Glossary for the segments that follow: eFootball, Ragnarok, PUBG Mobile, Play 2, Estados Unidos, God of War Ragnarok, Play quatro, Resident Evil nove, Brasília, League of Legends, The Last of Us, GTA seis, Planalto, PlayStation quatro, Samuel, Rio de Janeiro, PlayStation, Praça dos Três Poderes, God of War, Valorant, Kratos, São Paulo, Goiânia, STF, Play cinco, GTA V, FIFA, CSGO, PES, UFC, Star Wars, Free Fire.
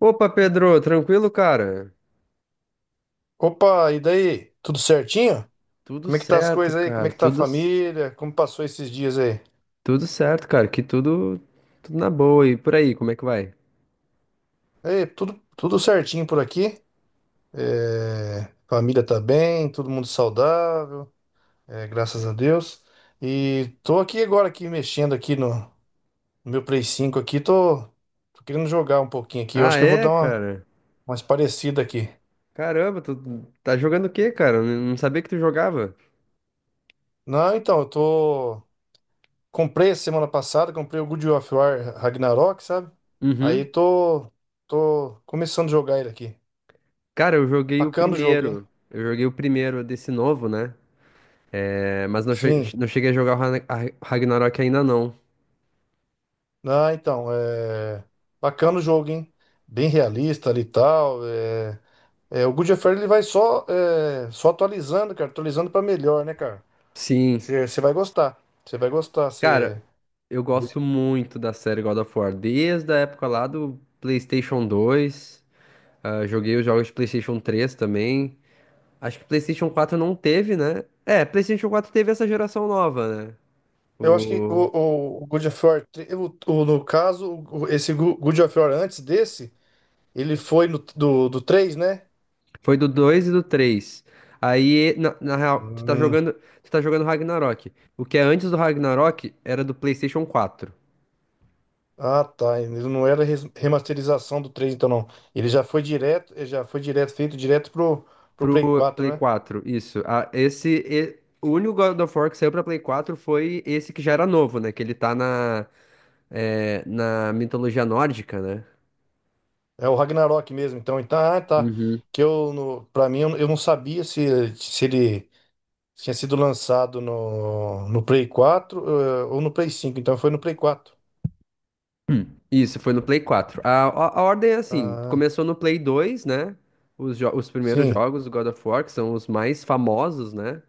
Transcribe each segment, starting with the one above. Opa, Pedro, tranquilo, cara? Opa, e daí? Tudo certinho? Tudo Como é que tá as certo, coisas aí? Como cara. é que tá a Tudo, família? Como passou esses dias aí? tudo certo, cara. Que tudo na boa. E por aí, como é que vai? É, tudo certinho por aqui. É, família tá bem, todo mundo saudável, graças a Deus. E tô aqui agora aqui mexendo aqui no meu Play cinco aqui, tô querendo jogar um pouquinho aqui. Eu Ah, acho que eu vou é, dar uma cara? mais parecida aqui. Caramba, tu tá jogando o quê, cara? Eu não sabia que tu jogava. Não, então, eu tô comprei essa semana passada, comprei o God of War Ragnarok, sabe? Aí Uhum. tô começando a jogar ele aqui. Cara, eu joguei o Bacana o jogo, hein? primeiro. Eu joguei o primeiro desse novo, né? É, mas não, Sim. não cheguei a jogar o Ragnarok ainda não. Ah, então, bacana o jogo, hein? Bem realista ali e tal. O God of War ele vai só atualizando, cara. Atualizando pra melhor, né, cara? Sim. Você vai gostar. Você vai gostar. Cara, Você... eu gosto muito da série God of War desde a época lá do PlayStation 2. Ah, joguei os jogos de PlayStation 3 também. Acho que PlayStation 4 não teve, né? É, PlayStation 4 teve essa geração nova, né? Eu acho que o, O... o, o God of War, no caso, God of War antes desse, ele foi no, do, do 3, né? Foi do 2 e do três. Aí, na real, Hum. Tu tá jogando Ragnarok. O que é antes do Ragnarok era do PlayStation 4. Ah, tá. Ele não era remasterização do 3, então não. Ele já foi direto, feito direto pro Play Pro quatro, Play né? 4, isso. Ah, o único God of War que saiu pra Play 4 foi esse que já era novo, né? Que ele tá na, na mitologia nórdica, né? É o Ragnarok mesmo, então. Então, ah, tá. Que eu, no, Pra mim, eu não sabia se ele tinha sido lançado no Play quatro, ou no Play cinco. Então foi no Play quatro. Isso, foi no Play 4. A ordem é assim: Ah, começou no Play 2, né? Os primeiros sim, jogos do God of War, que são os mais famosos, né?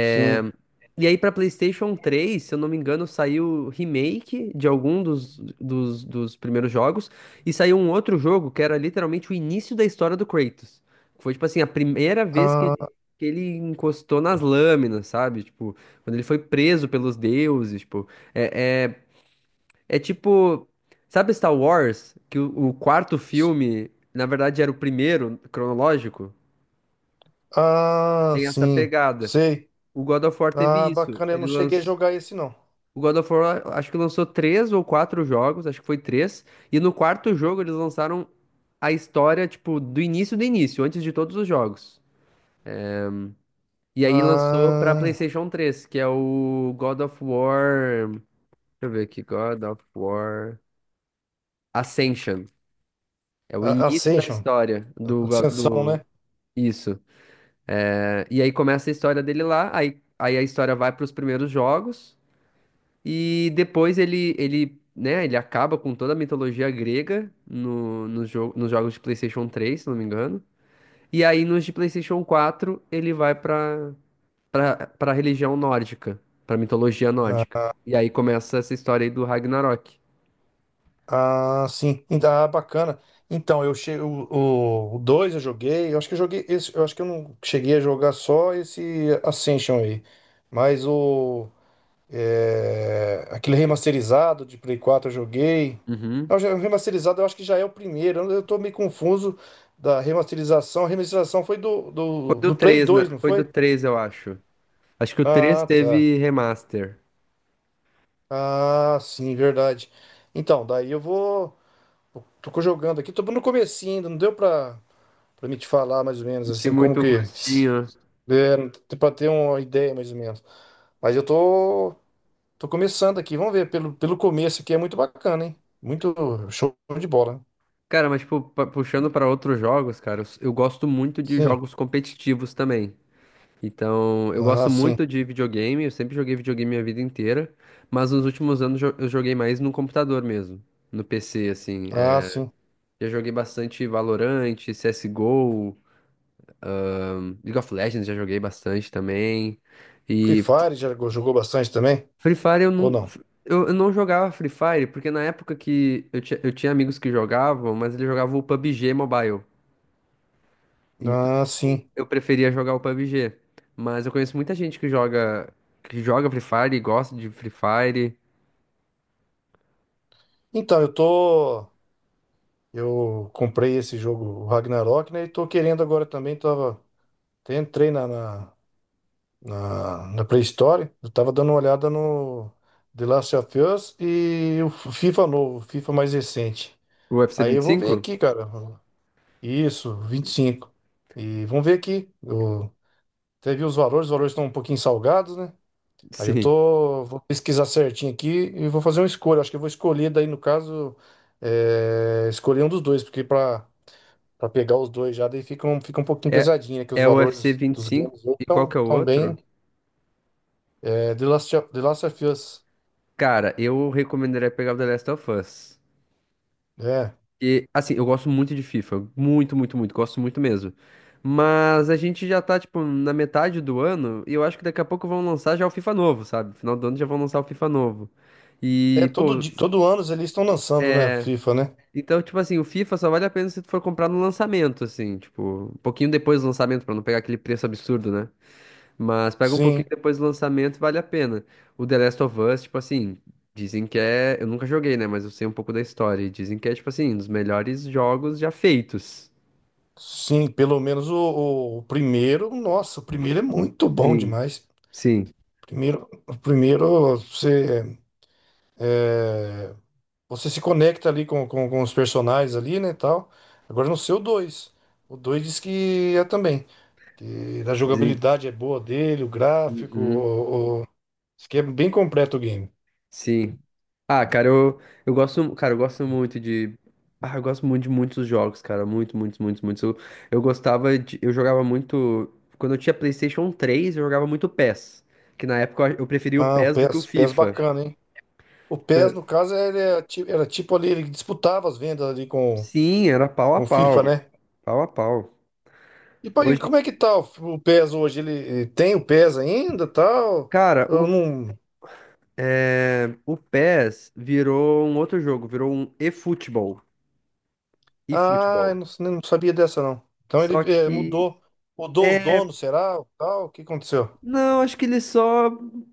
sim. E aí pra PlayStation 3, se eu não me engano, saiu remake de algum dos primeiros jogos, e saiu um outro jogo que era literalmente o início da história do Kratos. Foi, tipo assim, a primeira vez que Ah, que ele encostou nas lâminas, sabe? Tipo, quando ele foi preso pelos deuses, tipo. É, é, é tipo, sabe Star Wars? Que o quarto s- filme, na verdade, era o primeiro cronológico? Tem essa sim, pegada. sei. O God of War teve Ah, isso. bacana, eu Ele não cheguei a lançou. jogar esse não. O God of War, acho que lançou três ou quatro jogos, acho que foi três. E no quarto jogo eles lançaram a história, tipo, do início, antes de todos os jogos. E aí lançou pra Ah, PlayStation 3, que é o God of War. Deixa eu ver aqui, God of War Ascension. É o início da Ascension. história do, go- Ascensão, né? do Isso. É, e aí começa a história dele lá, aí a história vai para os primeiros jogos, e depois ele, né, ele acaba com toda a mitologia grega no jogo, nos jogos de PlayStation 3, se não me engano. E aí nos de PlayStation 4 ele vai para religião nórdica, para mitologia nórdica. E aí começa essa história aí do Ragnarok. Ah, ah, sim. Ainda bacana. Então, eu cheguei o 2 eu joguei, eu acho que eu joguei esse, eu acho que eu não cheguei a jogar só esse Ascension aí. Mas aquele remasterizado de Play 4 eu joguei. Uhum. Não, o remasterizado eu acho que já é o primeiro. Eu tô meio confuso da remasterização. A remasterização foi do, Foi do, do do Play três, né? 2, não Foi do foi? três, eu acho. Acho que o 3 Ah, tá. teve remaster. Ah, sim, verdade. Então, daí eu vou. Tô jogando aqui, tô no comecinho ainda, não deu pra me te falar mais ou menos, Senti assim, como muito que... gostinho. É, não tem pra ter uma ideia mais ou menos. Mas eu tô começando aqui, vamos ver, pelo começo aqui é muito bacana, hein? Muito show de bola, né? Cara, mas tipo, puxando pra outros jogos, cara, eu gosto muito de Sim, jogos competitivos também. Então, eu gosto ah, sim, muito de videogame, eu sempre joguei videogame minha vida inteira, mas nos últimos anos eu joguei mais no computador mesmo, no PC, assim. ah, sim. Já joguei bastante Valorant, CSGO, League of Legends já joguei bastante também. Free E Fire já jogou bastante também? Free Fire eu Ou não, não? eu não jogava Free Fire, porque na época que eu tinha amigos que jogavam, mas eles jogavam o PUBG Mobile. Então, Ah, sim. eu preferia jogar o PUBG. Mas eu conheço muita gente que joga Free Fire e gosta de Free Fire. Então, eu comprei esse jogo, o Ragnarok, né? E tô querendo agora também, tava... até entrei na pré-história. Eu tava dando uma olhada no The Last of Us e o FIFA novo, o FIFA mais recente. O U F C Aí vinte eu e vou ver cinco? aqui, cara. Isso, vinte e cinco, e vamos ver aqui. Eu até vi os valores estão um pouquinho salgados, né? Aí Sim. Vou pesquisar certinho aqui e vou fazer uma escolha. Acho que eu vou escolher daí, no caso, escolher um dos dois, porque para pegar os dois já, daí fica um pouquinho É, pesadinho, né? Que os é o UFC valores dos 25 games hoje e cinco e qual estão tão que é o tão bem. outro? É, The Last of Us. Cara, eu recomendaria pegar o The Last of Us. É. E, assim, eu gosto muito de FIFA. Muito, muito, muito. Gosto muito mesmo. Mas a gente já tá, tipo, na metade do ano e eu acho que daqui a pouco vão lançar já o FIFA novo, sabe? Final do ano já vão lançar o FIFA novo. É, E, todo, pô, di- todo ano eles estão lançando, né? é. FIFA, né? Então, tipo assim, o FIFA só vale a pena se tu for comprar no lançamento, assim, tipo, um pouquinho depois do lançamento, pra não pegar aquele preço absurdo, né? Mas pega um pouquinho Sim, depois do lançamento, vale a pena. O The Last of Us, tipo assim, dizem que é. Eu nunca joguei, né? Mas eu sei um pouco da história. E dizem que é, tipo assim, um dos melhores jogos já feitos. sim, pelo menos o primeiro. Nossa, o primeiro é muito bom Sim. demais. Sim. Primeiro, o primeiro é, você se conecta ali com os personagens ali, né, tal. Agora não sei o dois. O 2 diz que é também. Que a Dizem. jogabilidade é boa dele, o gráfico, Uhum. Diz que é bem completo o game. Sim. Ah, cara, eu gosto, cara, eu gosto muito de. Ah, eu gosto muito de muitos jogos, cara. Muito, muitos, muitos, muitos. Eu gostava de. Eu jogava muito. Quando eu tinha PlayStation 3 eu jogava muito PES. Que na época eu preferia o Ah, o PES do que o PES, PES FIFA. bacana, hein? O Tá- PES, no caso, ele é era tipo ali, ele disputava as vendas ali com Sim, era pau a com o FIFA, pau. né? Pau a pau. E pô, e Hoje, como é que tá o PES hoje? Ele tem o PES ainda, tal? cara, o, Eu não. é, o PES virou um outro jogo, virou um eFootball. Ah, eu eFootball. não, não sabia dessa, não. Então Só ele que. mudou os é, donos, será? Tal? O que aconteceu? Não, acho que eles só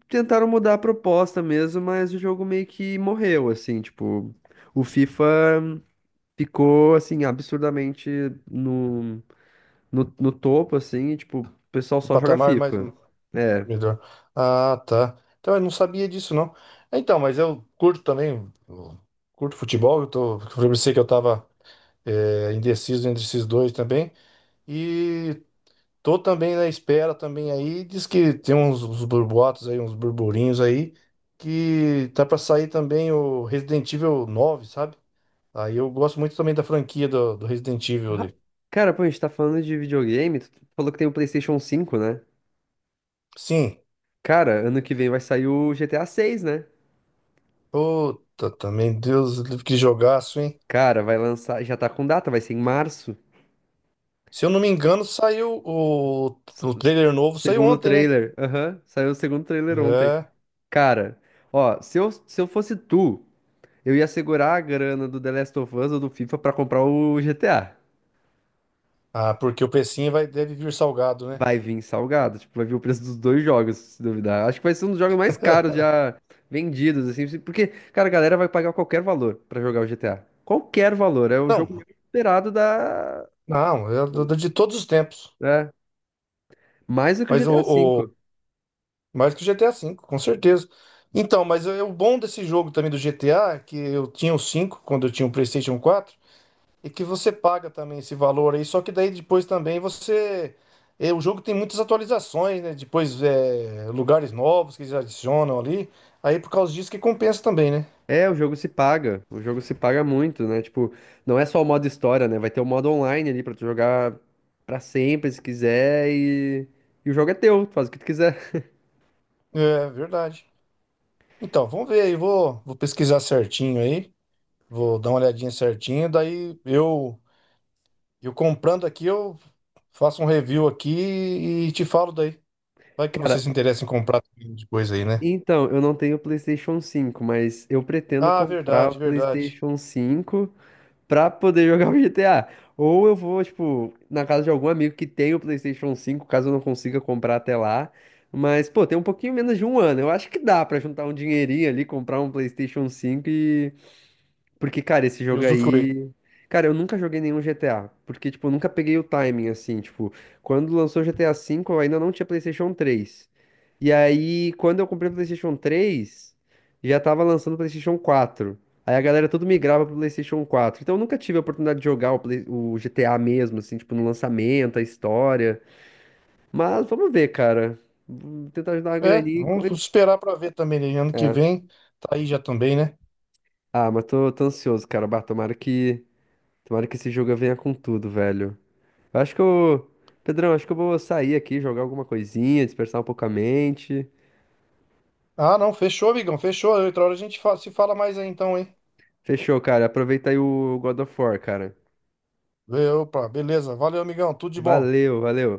tentaram mudar a proposta mesmo, mas o jogo meio que morreu, assim, tipo, o FIFA ficou, assim, absurdamente no, no topo, assim, e, tipo, o pessoal O só joga patamar mais FIFA. É. melhor. Ah, tá. Então eu não sabia disso, não. Então, mas eu curto também, eu curto futebol. Eu pensei que eu tava indeciso entre esses dois também. E tô também na espera também aí. Diz que tem uns burboatos aí, uns burburinhos aí, que tá pra sair também o Resident Evil nove, sabe? Aí eu gosto muito também da franquia do Resident Evil Ah, ali. cara, pô, a gente tá falando de videogame, tu falou que tem o PlayStation 5, né? Sim. Cara, ano que vem vai sair o GTA 6, né? Puta, também, Deus, que jogaço, hein? Cara, vai lançar, já tá com data, vai ser em março. Se eu não me engano, saiu o, S- o s- trailer novo, saiu Segundo ontem, né? trailer, aham, saiu o segundo trailer ontem. É. Cara, ó, se eu fosse tu, eu ia segurar a grana do The Last of Us ou do FIFA pra comprar o GTA. Ah, porque o precinho vai, deve vir salgado, né? Vai vir salgado, tipo, vai vir o preço dos dois jogos, se duvidar. Acho que vai ser um dos jogos mais caros já vendidos, assim, porque, cara, a galera vai pagar qualquer valor pra jogar o GTA. Qualquer valor, é o jogo Não, mais esperado da. não, é de todos os tempos. É, mais do que o Mas GTA V. o, Mais que o GTA V, com certeza. Então, mas é o bom desse jogo também do GTA, que eu tinha o 5 quando eu tinha o PlayStation quatro. E que você paga também esse valor aí, só que daí depois também você. É, o jogo tem muitas atualizações, né? Depois é, lugares novos que eles adicionam ali. Aí por causa disso que compensa também, né? É, o jogo se paga. O jogo se paga muito, né? Tipo, não é só o modo história, né? Vai ter o modo online ali pra tu jogar pra sempre, se quiser, e o jogo é teu, tu faz o que tu quiser. É verdade. Então, vamos ver aí, vou pesquisar certinho aí, vou dar uma olhadinha certinho, daí eu comprando aqui, eu faço um review aqui e te falo daí. Vai que Cara, você se interessa em comprar depois aí, né? então, eu não tenho o PlayStation 5, mas eu pretendo Ah, comprar o verdade, verdade. PlayStation 5 pra poder jogar o GTA. Ou eu vou, tipo, na casa de algum amigo que tem o PlayStation 5, caso eu não consiga comprar até lá. Mas, pô, tem um pouquinho menos de um ano. Eu acho que dá pra juntar um dinheirinho ali, comprar um PlayStation 5 e. Porque, cara, esse E jogo usufruir. aí. Cara, eu nunca joguei nenhum GTA. Porque, tipo, eu nunca peguei o timing, assim. Tipo, quando lançou GTA V, eu ainda não tinha PlayStation 3. E aí, quando eu comprei o PlayStation 3, já tava lançando o PlayStation 4. Aí a galera tudo migrava pro PlayStation 4. Então eu nunca tive a oportunidade de jogar o GTA mesmo, assim, tipo, no lançamento, a história. Mas vamos ver, cara. Vou tentar ajudar a É, graninha. Vamos esperar pra ver também, né? Ano que vem tá aí já também, né? Ah, mas tô, ansioso, cara. Bah, tomara que. Tomara que esse jogo venha com tudo, velho. Eu Acho que eu. Pedrão, acho que eu vou sair aqui, jogar alguma coisinha, dispersar um pouco a mente. Ah, não, fechou, amigão, fechou. Outra hora a gente se fala mais aí então, hein? Fechou, cara. Aproveita aí o God of War, cara. Opa, beleza. Valeu, amigão, tudo de bom. Valeu, valeu.